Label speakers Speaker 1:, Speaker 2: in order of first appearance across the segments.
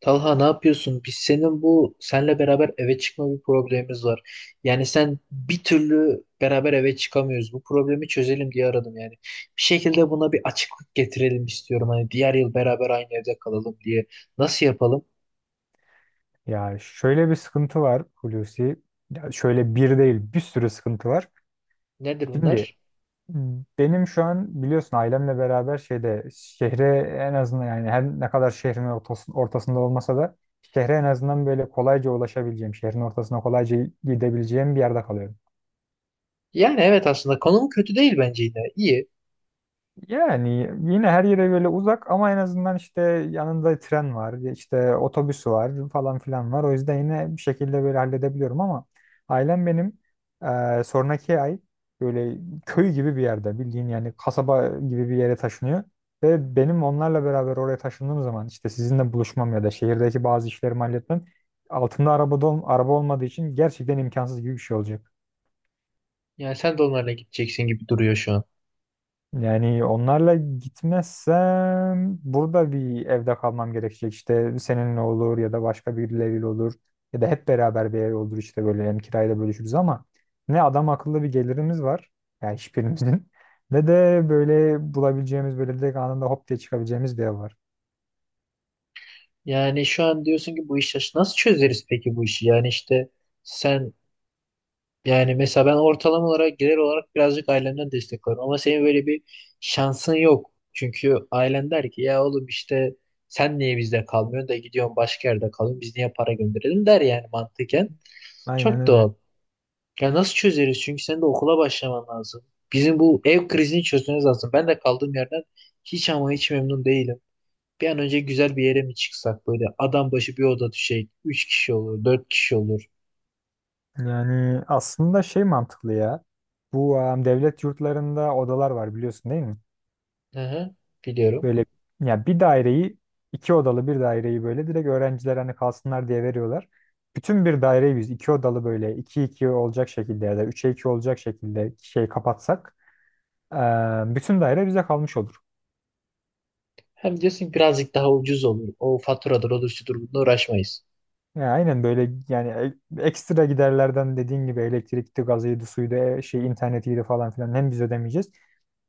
Speaker 1: Talha ne yapıyorsun? Biz senin bu senle beraber eve çıkma bir problemimiz var. Yani sen bir türlü beraber eve çıkamıyoruz. Bu problemi çözelim diye aradım yani. Bir şekilde buna bir açıklık getirelim istiyorum. Hani diğer yıl beraber aynı evde kalalım diye. Nasıl yapalım?
Speaker 2: Ya şöyle bir sıkıntı var Hulusi. Ya şöyle bir değil bir sürü sıkıntı var.
Speaker 1: Nedir
Speaker 2: Şimdi
Speaker 1: bunlar?
Speaker 2: benim şu an biliyorsun ailemle beraber şeyde şehre en azından yani her ne kadar şehrin ortasında olmasa da şehre en azından böyle kolayca ulaşabileceğim, şehrin ortasına kolayca gidebileceğim bir yerde kalıyorum.
Speaker 1: Yani evet aslında konum kötü değil bence yine. İyi.
Speaker 2: Yani yine her yere böyle uzak ama en azından işte yanında tren var, işte otobüsü var falan filan var. O yüzden yine bir şekilde böyle halledebiliyorum ama ailem benim sonraki ay böyle köy gibi bir yerde bildiğin yani kasaba gibi bir yere taşınıyor. Ve benim onlarla beraber oraya taşındığım zaman işte sizinle buluşmam ya da şehirdeki bazı işlerimi halletmem altında araba olmadığı için gerçekten imkansız gibi bir şey olacak.
Speaker 1: Yani sen de onlarla gideceksin gibi duruyor şu an.
Speaker 2: Yani onlarla gitmezsem burada bir evde kalmam gerekecek. İşte seninle olur ya da başka birileriyle olur. Ya da hep beraber bir ev olur işte böyle hem kirayla bölüşürüz ama ne adam akıllı bir gelirimiz var. Yani hiçbirimizin. Ne de böyle bulabileceğimiz böyle direkt anında hop diye çıkabileceğimiz bir ev var.
Speaker 1: Yani şu an diyorsun ki bu işi nasıl çözeriz peki bu işi? Yani işte sen. Yani mesela ben ortalama olarak gelir olarak birazcık ailemden destek alırım. Ama senin böyle bir şansın yok. Çünkü ailen der ki ya oğlum işte sen niye bizde kalmıyorsun da gidiyorsun başka yerde kalıyorsun. Biz niye para gönderelim der yani mantıken.
Speaker 2: Aynen
Speaker 1: Çok
Speaker 2: öyle.
Speaker 1: doğal. Ya nasıl çözeriz? Çünkü senin de okula başlaman lazım. Bizim bu ev krizini çözmemiz lazım. Ben de kaldığım yerden hiç ama hiç memnun değilim. Bir an önce güzel bir yere mi çıksak böyle adam başı bir oda düşecek. Üç kişi olur, dört kişi olur.
Speaker 2: Yani aslında şey mantıklı ya. Bu devlet yurtlarında odalar var biliyorsun değil mi?
Speaker 1: Hı hı, biliyorum.
Speaker 2: Böyle ya bir daireyi iki odalı bir daireyi böyle direkt öğrenciler hani kalsınlar diye veriyorlar. Bütün bir daireyi biz iki odalı böyle iki iki olacak şekilde ya da üçe iki olacak şekilde şey kapatsak, bütün daire bize kalmış olur.
Speaker 1: Hem diyorsun ki birazcık daha ucuz olur. O faturadır, olur, şudur, bununla uğraşmayız.
Speaker 2: Ya aynen böyle yani ekstra giderlerden dediğin gibi elektrikti, gazıydı, suydu, şey internetiydi falan filan hem biz ödemeyeceğiz.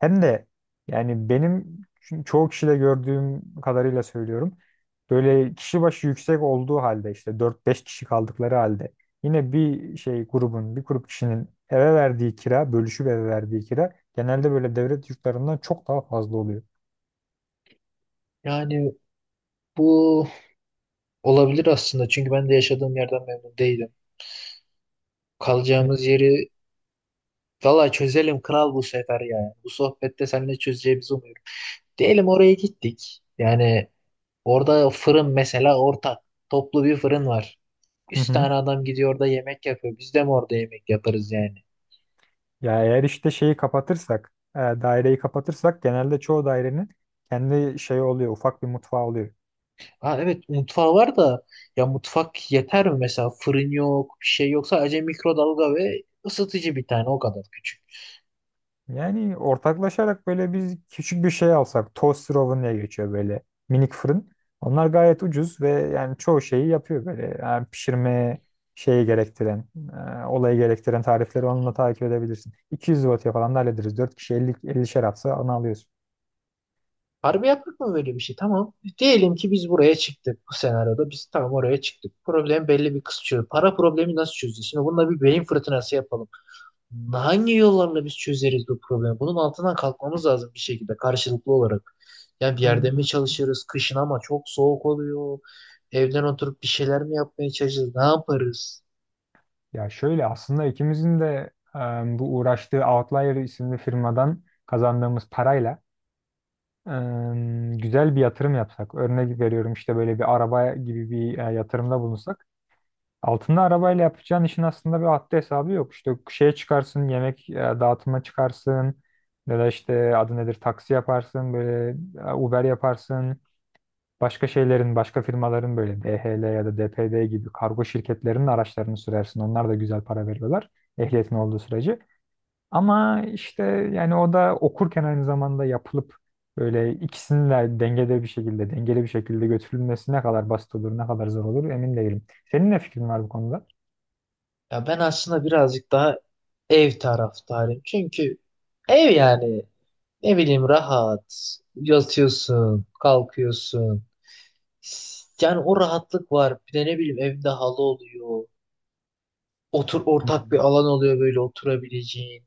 Speaker 2: Hem de yani benim çoğu kişide gördüğüm kadarıyla söylüyorum. Böyle kişi başı yüksek olduğu halde işte dört beş kişi kaldıkları halde yine bir grup kişinin eve verdiği kira, bölüşüp eve verdiği kira genelde böyle devlet yurtlarından çok daha fazla oluyor.
Speaker 1: Yani bu olabilir aslında. Çünkü ben de yaşadığım yerden memnun değilim.
Speaker 2: Evet.
Speaker 1: Kalacağımız yeri valla çözelim kral bu sefer ya. Bu sohbette seninle çözeceğimizi umuyorum. Diyelim oraya gittik. Yani orada fırın mesela ortak. Toplu bir fırın var.
Speaker 2: Hı
Speaker 1: Üç
Speaker 2: hı.
Speaker 1: tane adam gidiyor orada yemek yapıyor. Biz de mi orada yemek yaparız yani?
Speaker 2: Ya eğer işte şeyi kapatırsak, daireyi kapatırsak genelde çoğu dairenin kendi şey oluyor, ufak bir mutfağı oluyor.
Speaker 1: Ha evet, mutfağı var da ya mutfak yeter mi mesela, fırın yok, bir şey yok, sadece mikrodalga ve ısıtıcı bir tane, o kadar küçük.
Speaker 2: Yani ortaklaşarak böyle biz küçük bir şey alsak, toaster oven diye geçiyor böyle minik fırın. Onlar gayet ucuz ve yani çoğu şeyi yapıyor böyle. Yani pişirme şeyi gerektiren, olayı gerektiren tarifleri onunla takip edebilirsin. 200 wattya falan da hallederiz. Dört kişi 50 ellişer atsa onu alıyorsun.
Speaker 1: Harbi yaptık mı böyle bir şey, tamam. Diyelim ki biz buraya çıktık, bu senaryoda biz tamam oraya çıktık. Problem belli, bir kısmı para problemi, nasıl çözeceğiz? Şimdi bununla bir beyin fırtınası yapalım. Hangi yollarla biz çözeriz bu problemi? Bunun altından kalkmamız lazım bir şekilde karşılıklı olarak. Yani bir yerde mi
Speaker 2: Ee,
Speaker 1: çalışırız, kışın ama çok soğuk oluyor. Evden oturup bir şeyler mi yapmaya çalışırız? Ne yaparız?
Speaker 2: Ya şöyle aslında ikimizin de bu uğraştığı Outlier isimli firmadan kazandığımız parayla e, güzel bir yatırım yapsak. Örnek veriyorum işte böyle bir araba gibi bir yatırımda bulunsak. Altında arabayla yapacağın işin aslında bir haddi hesabı yok. İşte şeye çıkarsın, yemek dağıtıma çıkarsın ya da işte adı nedir taksi yaparsın, böyle Uber yaparsın. Başka şeylerin, başka firmaların böyle DHL ya da DPD gibi kargo şirketlerinin araçlarını sürersin. Onlar da güzel para veriyorlar ehliyetin olduğu sürece. Ama işte yani o da okurken aynı zamanda yapılıp böyle ikisinin de dengede bir şekilde, dengeli bir şekilde götürülmesi ne kadar basit olur, ne kadar zor olur emin değilim. Senin ne fikrin var bu konuda?
Speaker 1: Ya ben aslında birazcık daha ev taraftarıyım. Çünkü ev yani ne bileyim rahat. Yatıyorsun, kalkıyorsun. Yani o rahatlık var. Bir de ne bileyim evde halı oluyor. Otur, ortak bir
Speaker 2: Hmm.
Speaker 1: alan oluyor böyle oturabileceğin.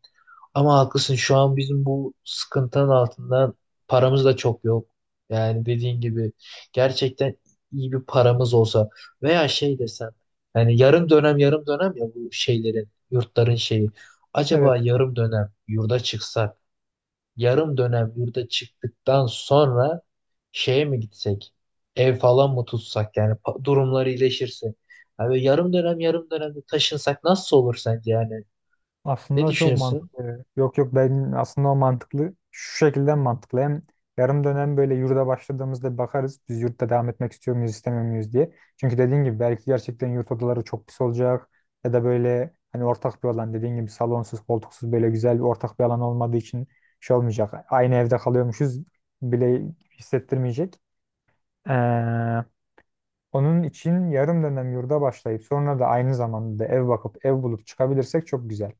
Speaker 1: Ama haklısın, şu an bizim bu sıkıntının altından paramız da çok yok. Yani dediğin gibi gerçekten iyi bir paramız olsa veya şey desem, yani yarım dönem yarım dönem ya, bu şeylerin yurtların şeyi. Acaba
Speaker 2: Evet.
Speaker 1: yarım dönem yurda çıksak, yarım dönem yurda çıktıktan sonra şeye mi gitsek, ev falan mı tutsak, yani durumları iyileşirse. Yani yarım dönem yarım dönemde taşınsak nasıl olur sence, yani ne
Speaker 2: Aslında çok
Speaker 1: düşünürsün?
Speaker 2: mantıklı. Yok yok, ben aslında o mantıklı. Şu şekilde mantıklı. Hem yarım dönem böyle yurda başladığımızda bakarız. Biz yurtta devam etmek istiyor muyuz, istemiyor muyuz diye. Çünkü dediğin gibi belki gerçekten yurt odaları çok pis olacak. Ya da böyle hani ortak bir alan dediğin gibi salonsuz, koltuksuz böyle güzel bir ortak bir alan olmadığı için şey olmayacak. Aynı evde kalıyormuşuz bile hissettirmeyecek. Ee, Onun için yarım dönem yurda başlayıp sonra da aynı zamanda da ev bakıp ev bulup çıkabilirsek çok güzel.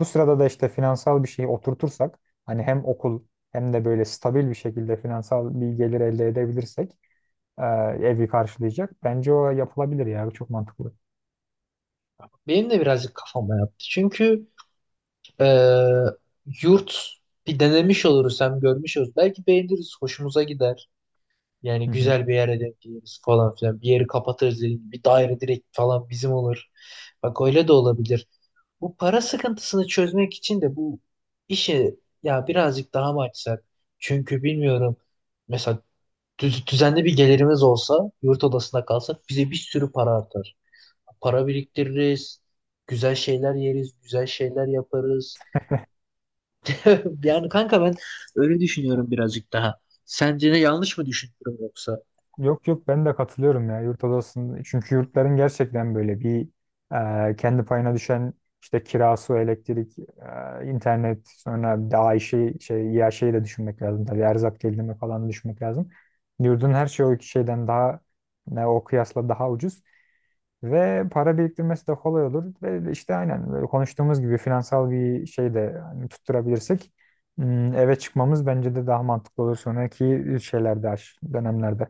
Speaker 2: Bu sırada da işte finansal bir şeyi oturtursak hani hem okul hem de böyle stabil bir şekilde finansal bir gelir elde edebilirsek e, evi karşılayacak. Bence o yapılabilir ya çok mantıklı.
Speaker 1: Benim de birazcık kafama yattı. Çünkü e, yurt bir denemiş oluruz, hem görmüş oluruz. Belki beğeniriz, hoşumuza gider. Yani güzel bir yere denk geliriz falan filan. Bir yeri kapatırız dediğim gibi. Bir daire direkt falan bizim olur. Bak öyle de olabilir. Bu para sıkıntısını çözmek için de bu işi ya birazcık daha mı açsak? Çünkü bilmiyorum. Mesela düzenli bir gelirimiz olsa, yurt odasında kalsak bize bir sürü para artar. Para biriktiririz. Güzel şeyler yeriz. Güzel şeyler yaparız. Yani kanka ben öyle düşünüyorum birazcık daha. Sence de yanlış mı düşünüyorum yoksa?
Speaker 2: Yok yok, ben de katılıyorum ya yurt odasının. Çünkü yurtların gerçekten böyle bir kendi payına düşen işte kirası, elektrik, internet sonra daha işi şey ya şeyi de düşünmek lazım. Tabii erzak gelirimi falan da düşünmek lazım. Yurdun her şeyi o iki şeyden daha ne o kıyasla daha ucuz ve para biriktirmesi de kolay olur ve işte aynen böyle konuştuğumuz gibi finansal bir şey de hani tutturabilirsek, eve çıkmamız bence de daha mantıklı olur sonraki şeylerde dönemlerde.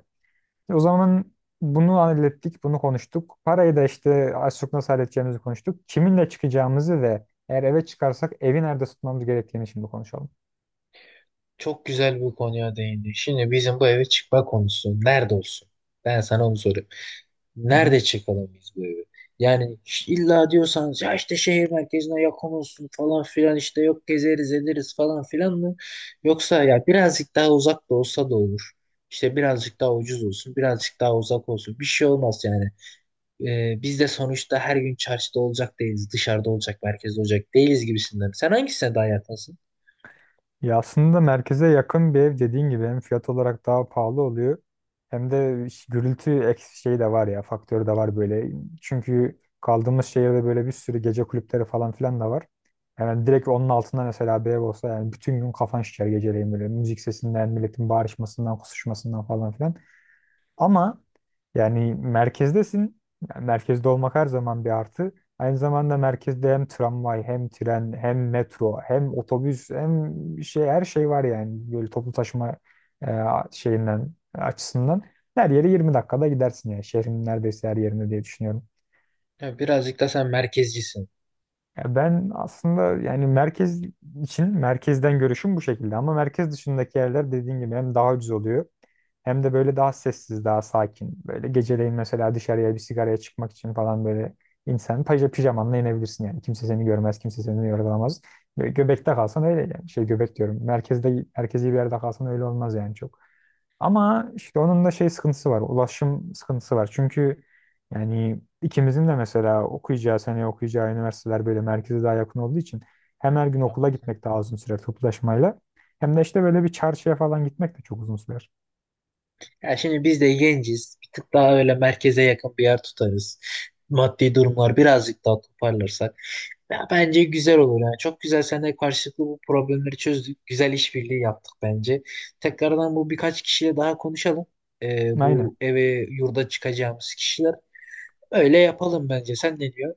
Speaker 2: O zaman bunu hallettik, bunu konuştuk. Parayı da işte az çok nasıl halledeceğimizi konuştuk. Kiminle çıkacağımızı ve eğer eve çıkarsak evi nerede tutmamız gerektiğini şimdi konuşalım.
Speaker 1: Çok güzel bir konuya değindin. Şimdi bizim bu eve çıkma konusu nerede olsun? Ben sana onu soruyorum.
Speaker 2: Hı hı.
Speaker 1: Nerede çıkalım biz bu evi? Yani illa diyorsanız ya işte şehir merkezine yakın olsun falan filan işte, yok gezeriz ederiz falan filan mı? Yoksa ya birazcık daha uzak da olsa da olur. İşte birazcık daha ucuz olsun, birazcık daha uzak olsun. Bir şey olmaz yani. Biz de sonuçta her gün çarşıda olacak değiliz, dışarıda olacak, merkezde olacak değiliz gibisinden. Sen hangisine daha yakınsın?
Speaker 2: Ya aslında merkeze yakın bir ev dediğin gibi hem fiyat olarak daha pahalı oluyor hem de gürültü eksi şeyi de var ya faktörü de var böyle. Çünkü kaldığımız şehirde böyle bir sürü gece kulüpleri falan filan da var. Yani direkt onun altında mesela bir ev olsa yani bütün gün kafan şişer geceleyin böyle müzik sesinden, milletin bağırışmasından, kusuşmasından falan filan. Ama yani merkezdesin. Yani merkezde olmak her zaman bir artı. Aynı zamanda merkezde hem tramvay, hem tren, hem metro, hem otobüs, hem şey her şey var yani. Böyle toplu taşıma e, şeyinden açısından her yere 20 dakikada gidersin yani. Şehrin neredeyse her yerinde diye düşünüyorum.
Speaker 1: Ya birazcık da sen merkezcisin.
Speaker 2: Ya ben aslında yani merkez için merkezden görüşüm bu şekilde ama merkez dışındaki yerler dediğin gibi hem daha ucuz oluyor hem de böyle daha sessiz, daha sakin. Böyle geceleyin mesela dışarıya bir sigaraya çıkmak için falan böyle insan pijamanla inebilirsin yani. Kimse seni görmez, kimse seni yorgulamaz. Böyle göbekte kalsan öyle yani. Şey göbek diyorum. Merkezde merkezi bir yerde kalsan öyle olmaz yani çok. Ama işte onun da şey sıkıntısı var. Ulaşım sıkıntısı var. Çünkü yani ikimizin de mesela okuyacağı seneye okuyacağı üniversiteler böyle merkeze daha yakın olduğu için hem her gün okula gitmek daha uzun sürer toplu taşımayla hem de işte böyle bir çarşıya falan gitmek de çok uzun sürer.
Speaker 1: Ya şimdi biz de genciz. Bir tık daha öyle merkeze yakın bir yer tutarız. Maddi durumlar birazcık daha toparlarsak. Ya bence güzel olur. Yani çok güzel seninle karşılıklı bu problemleri çözdük. Güzel işbirliği yaptık bence. Tekrardan bu birkaç kişiyle daha konuşalım.
Speaker 2: Aynen.
Speaker 1: Bu eve, yurda çıkacağımız kişiler. Öyle yapalım bence. Sen ne diyorsun?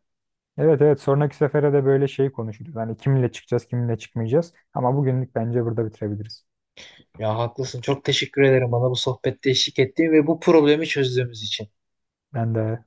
Speaker 2: Evet, evet, sonraki sefere de böyle şey konuşuruz. Hani kiminle çıkacağız kiminle çıkmayacağız. Ama bugünlük bence burada bitirebiliriz.
Speaker 1: Ya haklısın. Çok teşekkür ederim bana bu sohbette eşlik ettiğin ve bu problemi çözdüğümüz için.
Speaker 2: Ben de